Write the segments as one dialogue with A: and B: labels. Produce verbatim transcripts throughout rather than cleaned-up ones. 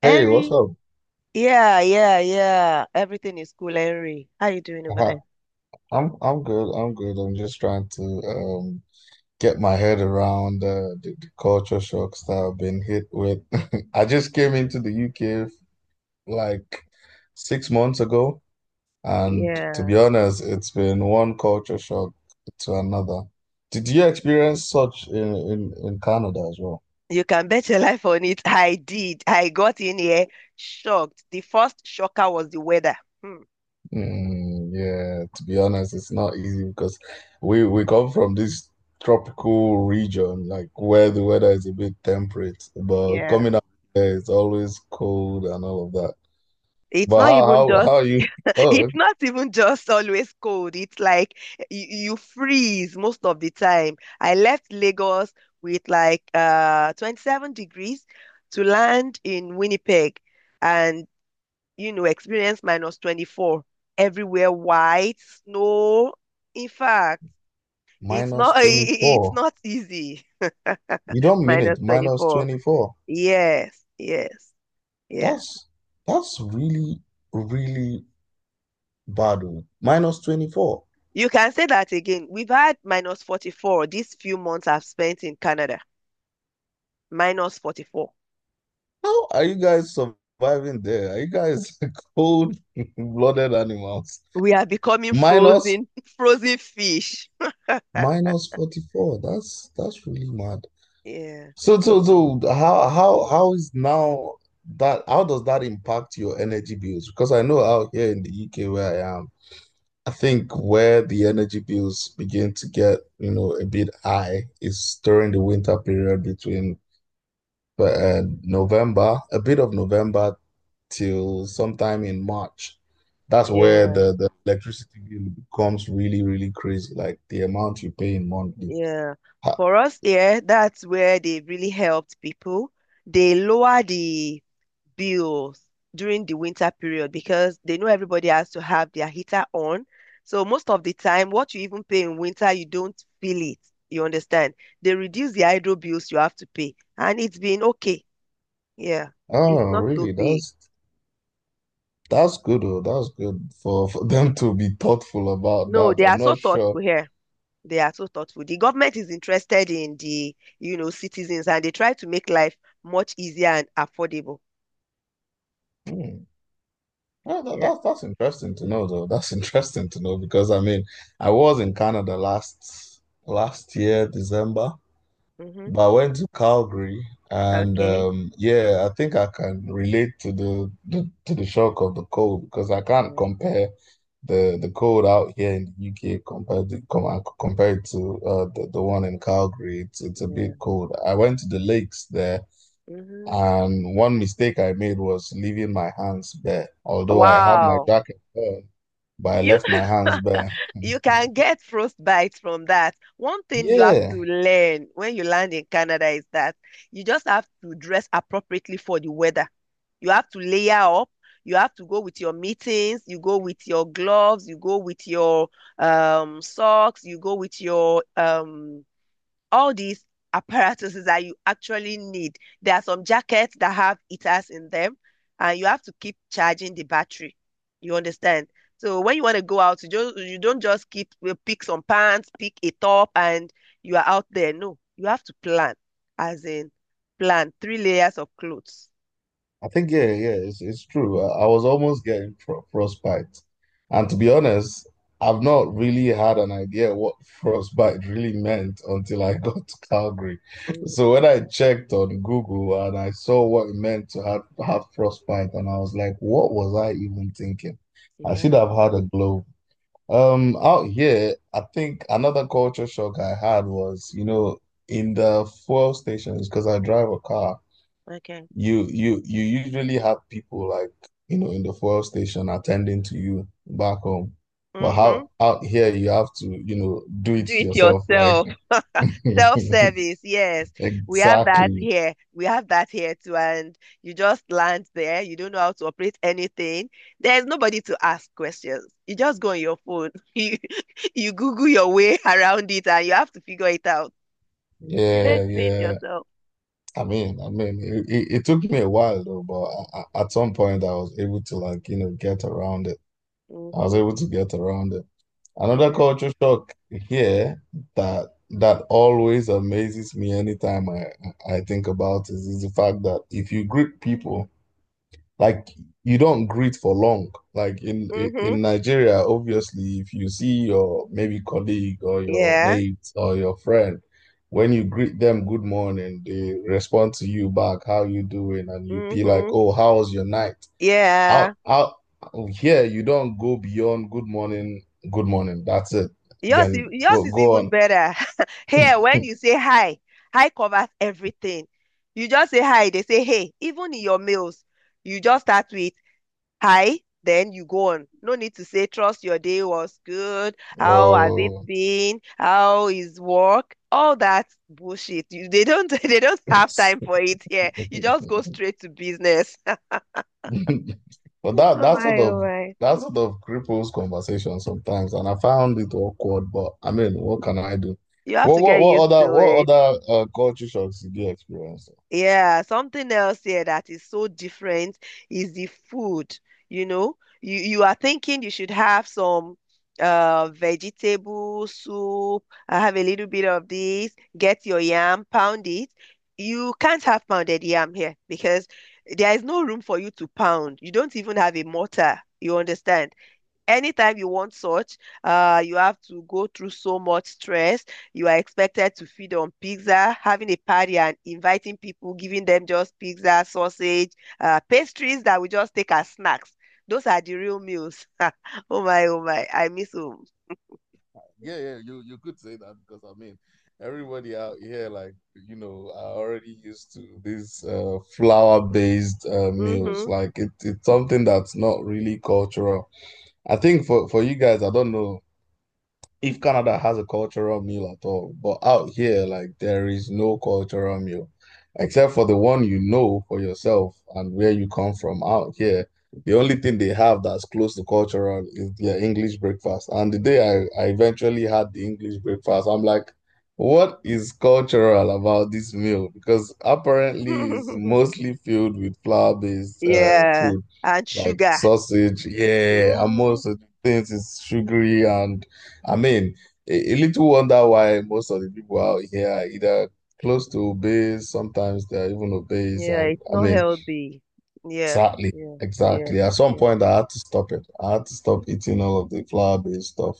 A: Hey, what's
B: Henry.
A: up?
B: Yeah, yeah, yeah. Everything is cool, Henry. How you doing over
A: Hi.
B: there?
A: I'm I'm good. I'm good. I'm just trying to um get my head around uh, the, the culture shocks that I've been hit with. I just came into the U K like six months ago, and to
B: Yeah.
A: be honest, it's been one culture shock to another. Did you experience such in in, in Canada as well?
B: You can bet your life on it. I did. I got in here shocked. The first shocker was the weather. Hmm.
A: Mm, yeah, to be honest, it's not easy because we we come from this tropical region, like where the weather is a bit temperate, but
B: Yeah.
A: coming out there it's always cold and all of that.
B: It's
A: But
B: not
A: how
B: even
A: how
B: just
A: how are you? Oh,
B: it's
A: okay.
B: not even just always cold. It's like you, you freeze most of the time. I left Lagos with like uh twenty-seven degrees to land in Winnipeg. And you know, experience minus twenty-four, everywhere white, snow. In fact, it's not
A: Minus
B: it's
A: twenty-four.
B: not easy.
A: You don't mean
B: Minus
A: it, minus
B: twenty-four.
A: twenty-four.
B: Yes, yes, yeah.
A: That's that's really really bad. Oh. Minus twenty-four.
B: You can say that again. We've had minus forty-four these few months I've spent in Canada. Minus forty-four.
A: How are you guys surviving there? Are you guys cold-blooded animals?
B: We are becoming
A: Minus
B: frozen, frozen fish.
A: Minus forty-four. That's that's really mad.
B: Yeah,
A: So so
B: yeah,
A: so how how how is now that, how does that impact your energy bills? Because I know out here in the U K where I am, I think where the energy bills begin to get, you know, a bit high is during the winter period between uh, November, a bit of November till sometime in March. That's where
B: yeah,
A: the, the electricity bill becomes really, really crazy, like the amount you pay in monthly.
B: yeah. For us here, yeah, that's where they really helped people. They lower the bills during the winter period because they know everybody has to have their heater on. So most of the time, what you even pay in winter, you don't feel it. You understand? They reduce the hydro bills you have to pay, and it's been okay. Yeah, it's
A: Oh,
B: not so
A: really?
B: big.
A: That's that's good. Oh, that's good for, for
B: Mm.
A: them to be thoughtful about
B: No, they
A: that.
B: are
A: I'm
B: so
A: not sure.
B: thoughtful here. They are so thoughtful. The government is interested in the, you know, citizens, and they try to make life much easier and affordable.
A: Hmm. Oh, that,
B: Yeah.
A: that, that's interesting to know, though. That's interesting to know because I mean, I was in Canada last last year, December.
B: Mm-hmm.
A: But I went to Calgary, and
B: Okay.
A: um, yeah, I think I can relate to the, the to the shock of the cold because I can't
B: Yeah.
A: compare the the cold out here in the U K compared to com uh, compared to uh, the the one in Calgary. It's it's a
B: Yeah.
A: bit cold. I went to the lakes there,
B: Mm-hmm.
A: and one mistake I made was leaving my hands bare. Although I had my
B: Wow.
A: jacket on, but I
B: You
A: left my hands bare.
B: You can get frostbite from that. One thing you have
A: Yeah.
B: to learn when you land in Canada is that you just have to dress appropriately for the weather. You have to layer up. You have to go with your mittens, you go with your gloves, you go with your um socks, you go with your um all these apparatuses that you actually need. There are some jackets that have heaters in them, and you have to keep charging the battery. You understand? So when you want to go out, you just you don't just keep uh, pick some pants, pick a top, and you are out there. No, you have to plan, as in plan three layers of clothes.
A: I think yeah, yeah, it's, it's true. I, I was almost getting pro frostbite, and to be honest, I've not really had an idea what frostbite really meant until I got to Calgary.
B: Mm,
A: So when I checked on Google and I saw what it meant to have have frostbite, and I was like, what was I even thinking? I should
B: imagine.
A: have had a globe. Um, out here, I think another culture shock I had was, you know, in the fuel stations because I drive a car,
B: Okay.
A: you you you usually have people like, you know, in the fuel station attending to you back home, but
B: Mm-hmm.
A: how out here you have to, you know, do
B: Do
A: it
B: it
A: yourself, like.
B: yourself. Self-service, yes. We have that
A: Exactly.
B: here. We have that here too. And you just land there. You don't know how to operate anything. There's nobody to ask questions. You just go on your phone. You, you Google your way around it and you have to figure it out. You learn
A: Yeah,
B: to do it
A: yeah.
B: yourself.
A: I mean I mean it, it, it took me a while, though, but I, I- at some point I was able to, like, you know, get around it. I was
B: Mm-hmm.
A: able to get around it. Another
B: Yeah.
A: culture shock here that that always amazes me anytime I I think about it is the fact that if you greet people, like, you don't greet for long. Like in
B: Mm-hmm.
A: in Nigeria, obviously, if you see your maybe colleague or your
B: Yeah.
A: mate or your friend, when you greet them good morning, they respond to you back, how you doing? And you be like,
B: Mm-hmm.
A: oh, how was your night? Out,
B: Yeah.
A: out here, you don't go beyond good morning, good morning. That's it.
B: Yours, i-
A: Then
B: yours
A: go
B: is
A: go
B: even
A: on.
B: better. Here, when you say hi, hi covers everything. You just say hi, they say hey. Even in your mails, you just start with hi, then you go on. No need to say trust your day was good. How has it
A: Oh,
B: been? How is work? All that bullshit. You, they don't they don't have time
A: but
B: for it here. You just go straight to business.
A: that
B: Oh
A: that sort
B: my, oh
A: of
B: my.
A: that sort of cripples conversation sometimes, and I found it awkward. But I mean, what can I do?
B: You have
A: What
B: to
A: what
B: get
A: what
B: used
A: other
B: to
A: what
B: it.
A: other uh, culture shocks did you experience?
B: Yeah, something else here that is so different is the food. You know, you you are thinking you should have some uh vegetable soup, I have a little bit of this, get your yam, pound it. You can't have pounded yam here because there is no room for you to pound. You don't even have a mortar. You understand? Anytime you want such, uh, you have to go through so much stress. You are expected to feed on pizza, having a party and inviting people, giving them just pizza, sausage, uh, pastries that we just take as snacks. Those are the real meals. Oh my, oh my, I miss home.
A: Yeah, yeah, you you could say that because I mean, everybody out here, like, you know, are already used to these uh, flour-based uh, meals.
B: Hmm.
A: Like, it, it's something that's not really cultural. I think for for you guys, I don't know if Canada has a cultural meal at all. But out here, like, there is no cultural meal except for the one you know for yourself and where you come from. Out here, the only thing they have that's close to cultural is their English breakfast. And the day I, I eventually had the English breakfast, I'm like, what is cultural about this meal? Because apparently it's mostly filled with flour-based uh,
B: Yeah,
A: food,
B: and
A: like
B: sugar.
A: sausage, yeah, and
B: Mm,
A: most of the things is sugary, and I mean, a, a little wonder why most of the people out here are either close to obese, sometimes they're even obese.
B: yeah,
A: And
B: it's
A: I
B: not
A: mean,
B: healthy. Yeah,
A: exactly,
B: yeah, yeah,
A: exactly. At some
B: yeah,
A: point, I had to stop it. I had to stop eating all of the flour-based stuff.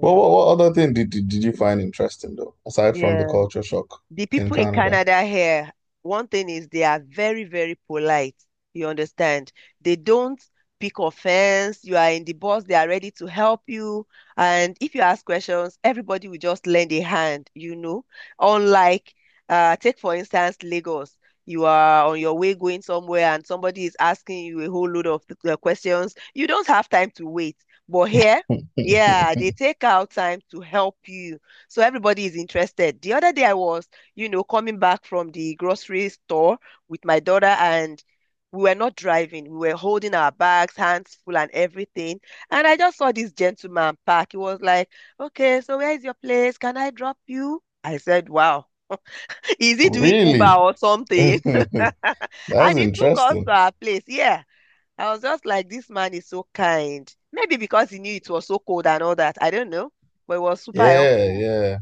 A: But what, what other thing did, did, did you find interesting, though, aside from
B: yeah.
A: the culture shock
B: The
A: in
B: people in
A: Canada?
B: Canada here, one thing is they are very, very polite. You understand? They don't pick offense. You are in the bus, they are ready to help you. And if you ask questions, everybody will just lend a hand, you know. Unlike, uh, take for instance, Lagos. You are on your way going somewhere and somebody is asking you a whole load of uh, questions. You don't have time to wait. But here, yeah, they take out time to help you. So everybody is interested. The other day I was you know, coming back from the grocery store with my daughter and we were not driving. We were holding our bags, hands full and everything. And I just saw this gentleman park. He was like, okay, so where is your place? Can I drop you? I said, wow. Is he doing Uber
A: Really?
B: or something?
A: That's
B: And he took us
A: interesting.
B: to our place. Yeah. I was just like, this man is so kind. Maybe because he knew it was so cold and all that. I don't know. But it was super
A: Yeah,
B: helpful.
A: yeah.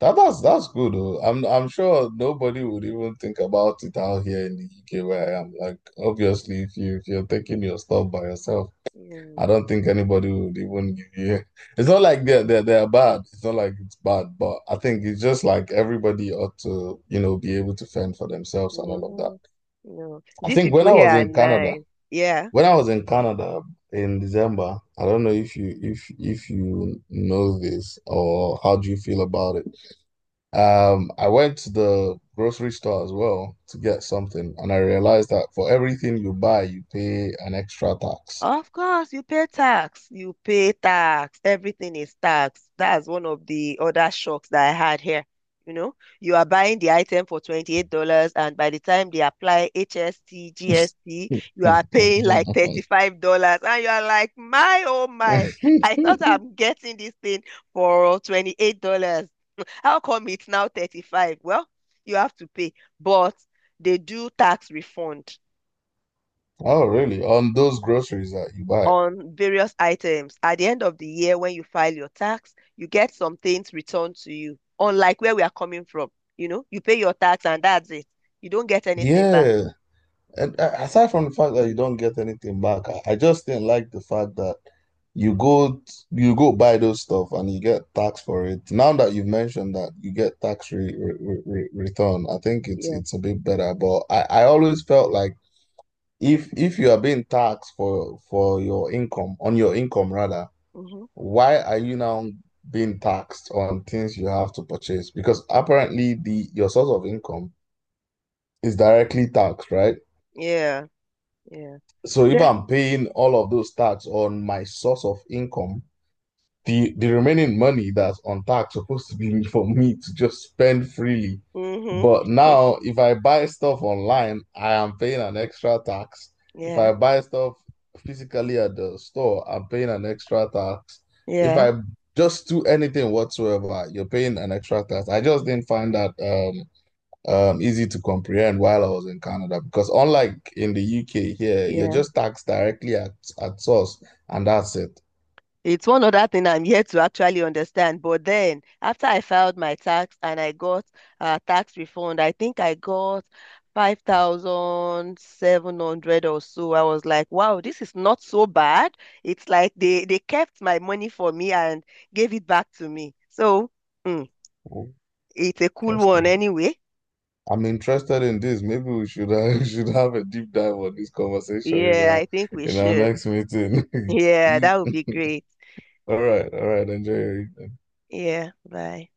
A: That, that's that's good though. I'm I'm sure nobody would even think about it out here in the U K where I am. Like, obviously, if you, if you're taking your stuff by yourself,
B: Yeah.
A: I don't think anybody would even give you. It's not like they're they're they're bad. It's not like it's bad, but I think it's just like everybody ought to, you know, be able to fend for themselves and all of that.
B: Hmm. No,
A: I
B: these
A: think
B: people
A: when I
B: here
A: was
B: are
A: in Canada,
B: nice. Yeah.
A: when I was in Canada in December, I don't know if you, if if you know this, or how do you feel about it? Um, I went to the grocery store as well to get something, and I realized that for everything you buy, you pay an extra tax.
B: Of course, you pay tax. You pay tax. Everything is tax. That's one of the other shocks that I had here. You know, you are buying the item for twenty-eight dollars and by the time they apply H S T, G S T, you are paying like thirty-five dollars. And you are like, my, oh my, I thought I'm getting this thing for twenty-eight dollars. How come it's now thirty-five? Well, you have to pay, but they do tax refund
A: Oh, really? On those groceries that you buy.
B: on various items. At the end of the year, when you file your tax, you get some things returned to you, unlike where we are coming from. You know, you pay your tax and that's it. You don't get anything back.
A: Yeah. And uh, aside from the fact that you don't get anything back, I I just didn't like the fact that you go you go buy those stuff and you get taxed for it. Now that you've mentioned that you get tax re re re re- return, I think it's
B: Yeah.
A: it's a bit better. But I, I always felt like, If if you are being taxed for for your income, on your income rather,
B: Hmm.
A: why are you now being taxed on things you have to purchase? Because apparently the your source of income is directly taxed, right?
B: Yeah. Yeah.
A: So if
B: The,
A: I'm paying all of those tax on my source of income, the the remaining money that's on tax supposed to be for me to just spend freely.
B: hmm.
A: But now, if I buy stuff online, I am paying an extra tax. If
B: Yeah.
A: I buy stuff physically at the store, I'm paying an extra tax. If
B: Yeah.
A: I just do anything whatsoever, you're paying an extra tax. I just didn't find that um um easy to comprehend while I was in Canada because, unlike in the U K here, you're
B: Yeah.
A: just taxed directly at at source, and that's it.
B: It's one other thing I'm yet to actually understand. But then, after I filed my tax and I got a tax refund, I think I got five thousand seven hundred or so. I was like, wow, this is not so bad. It's like they, they kept my money for me and gave it back to me. So, mm,
A: Oh,
B: it's a cool one
A: interesting.
B: anyway.
A: I'm interested in this. Maybe we should, uh, we should have a deep dive on this conversation in
B: Yeah, I
A: our,
B: think we
A: in our
B: should.
A: next meeting.
B: Yeah,
A: You,
B: that would be great.
A: all right, all right, enjoy your evening.
B: Yeah, bye.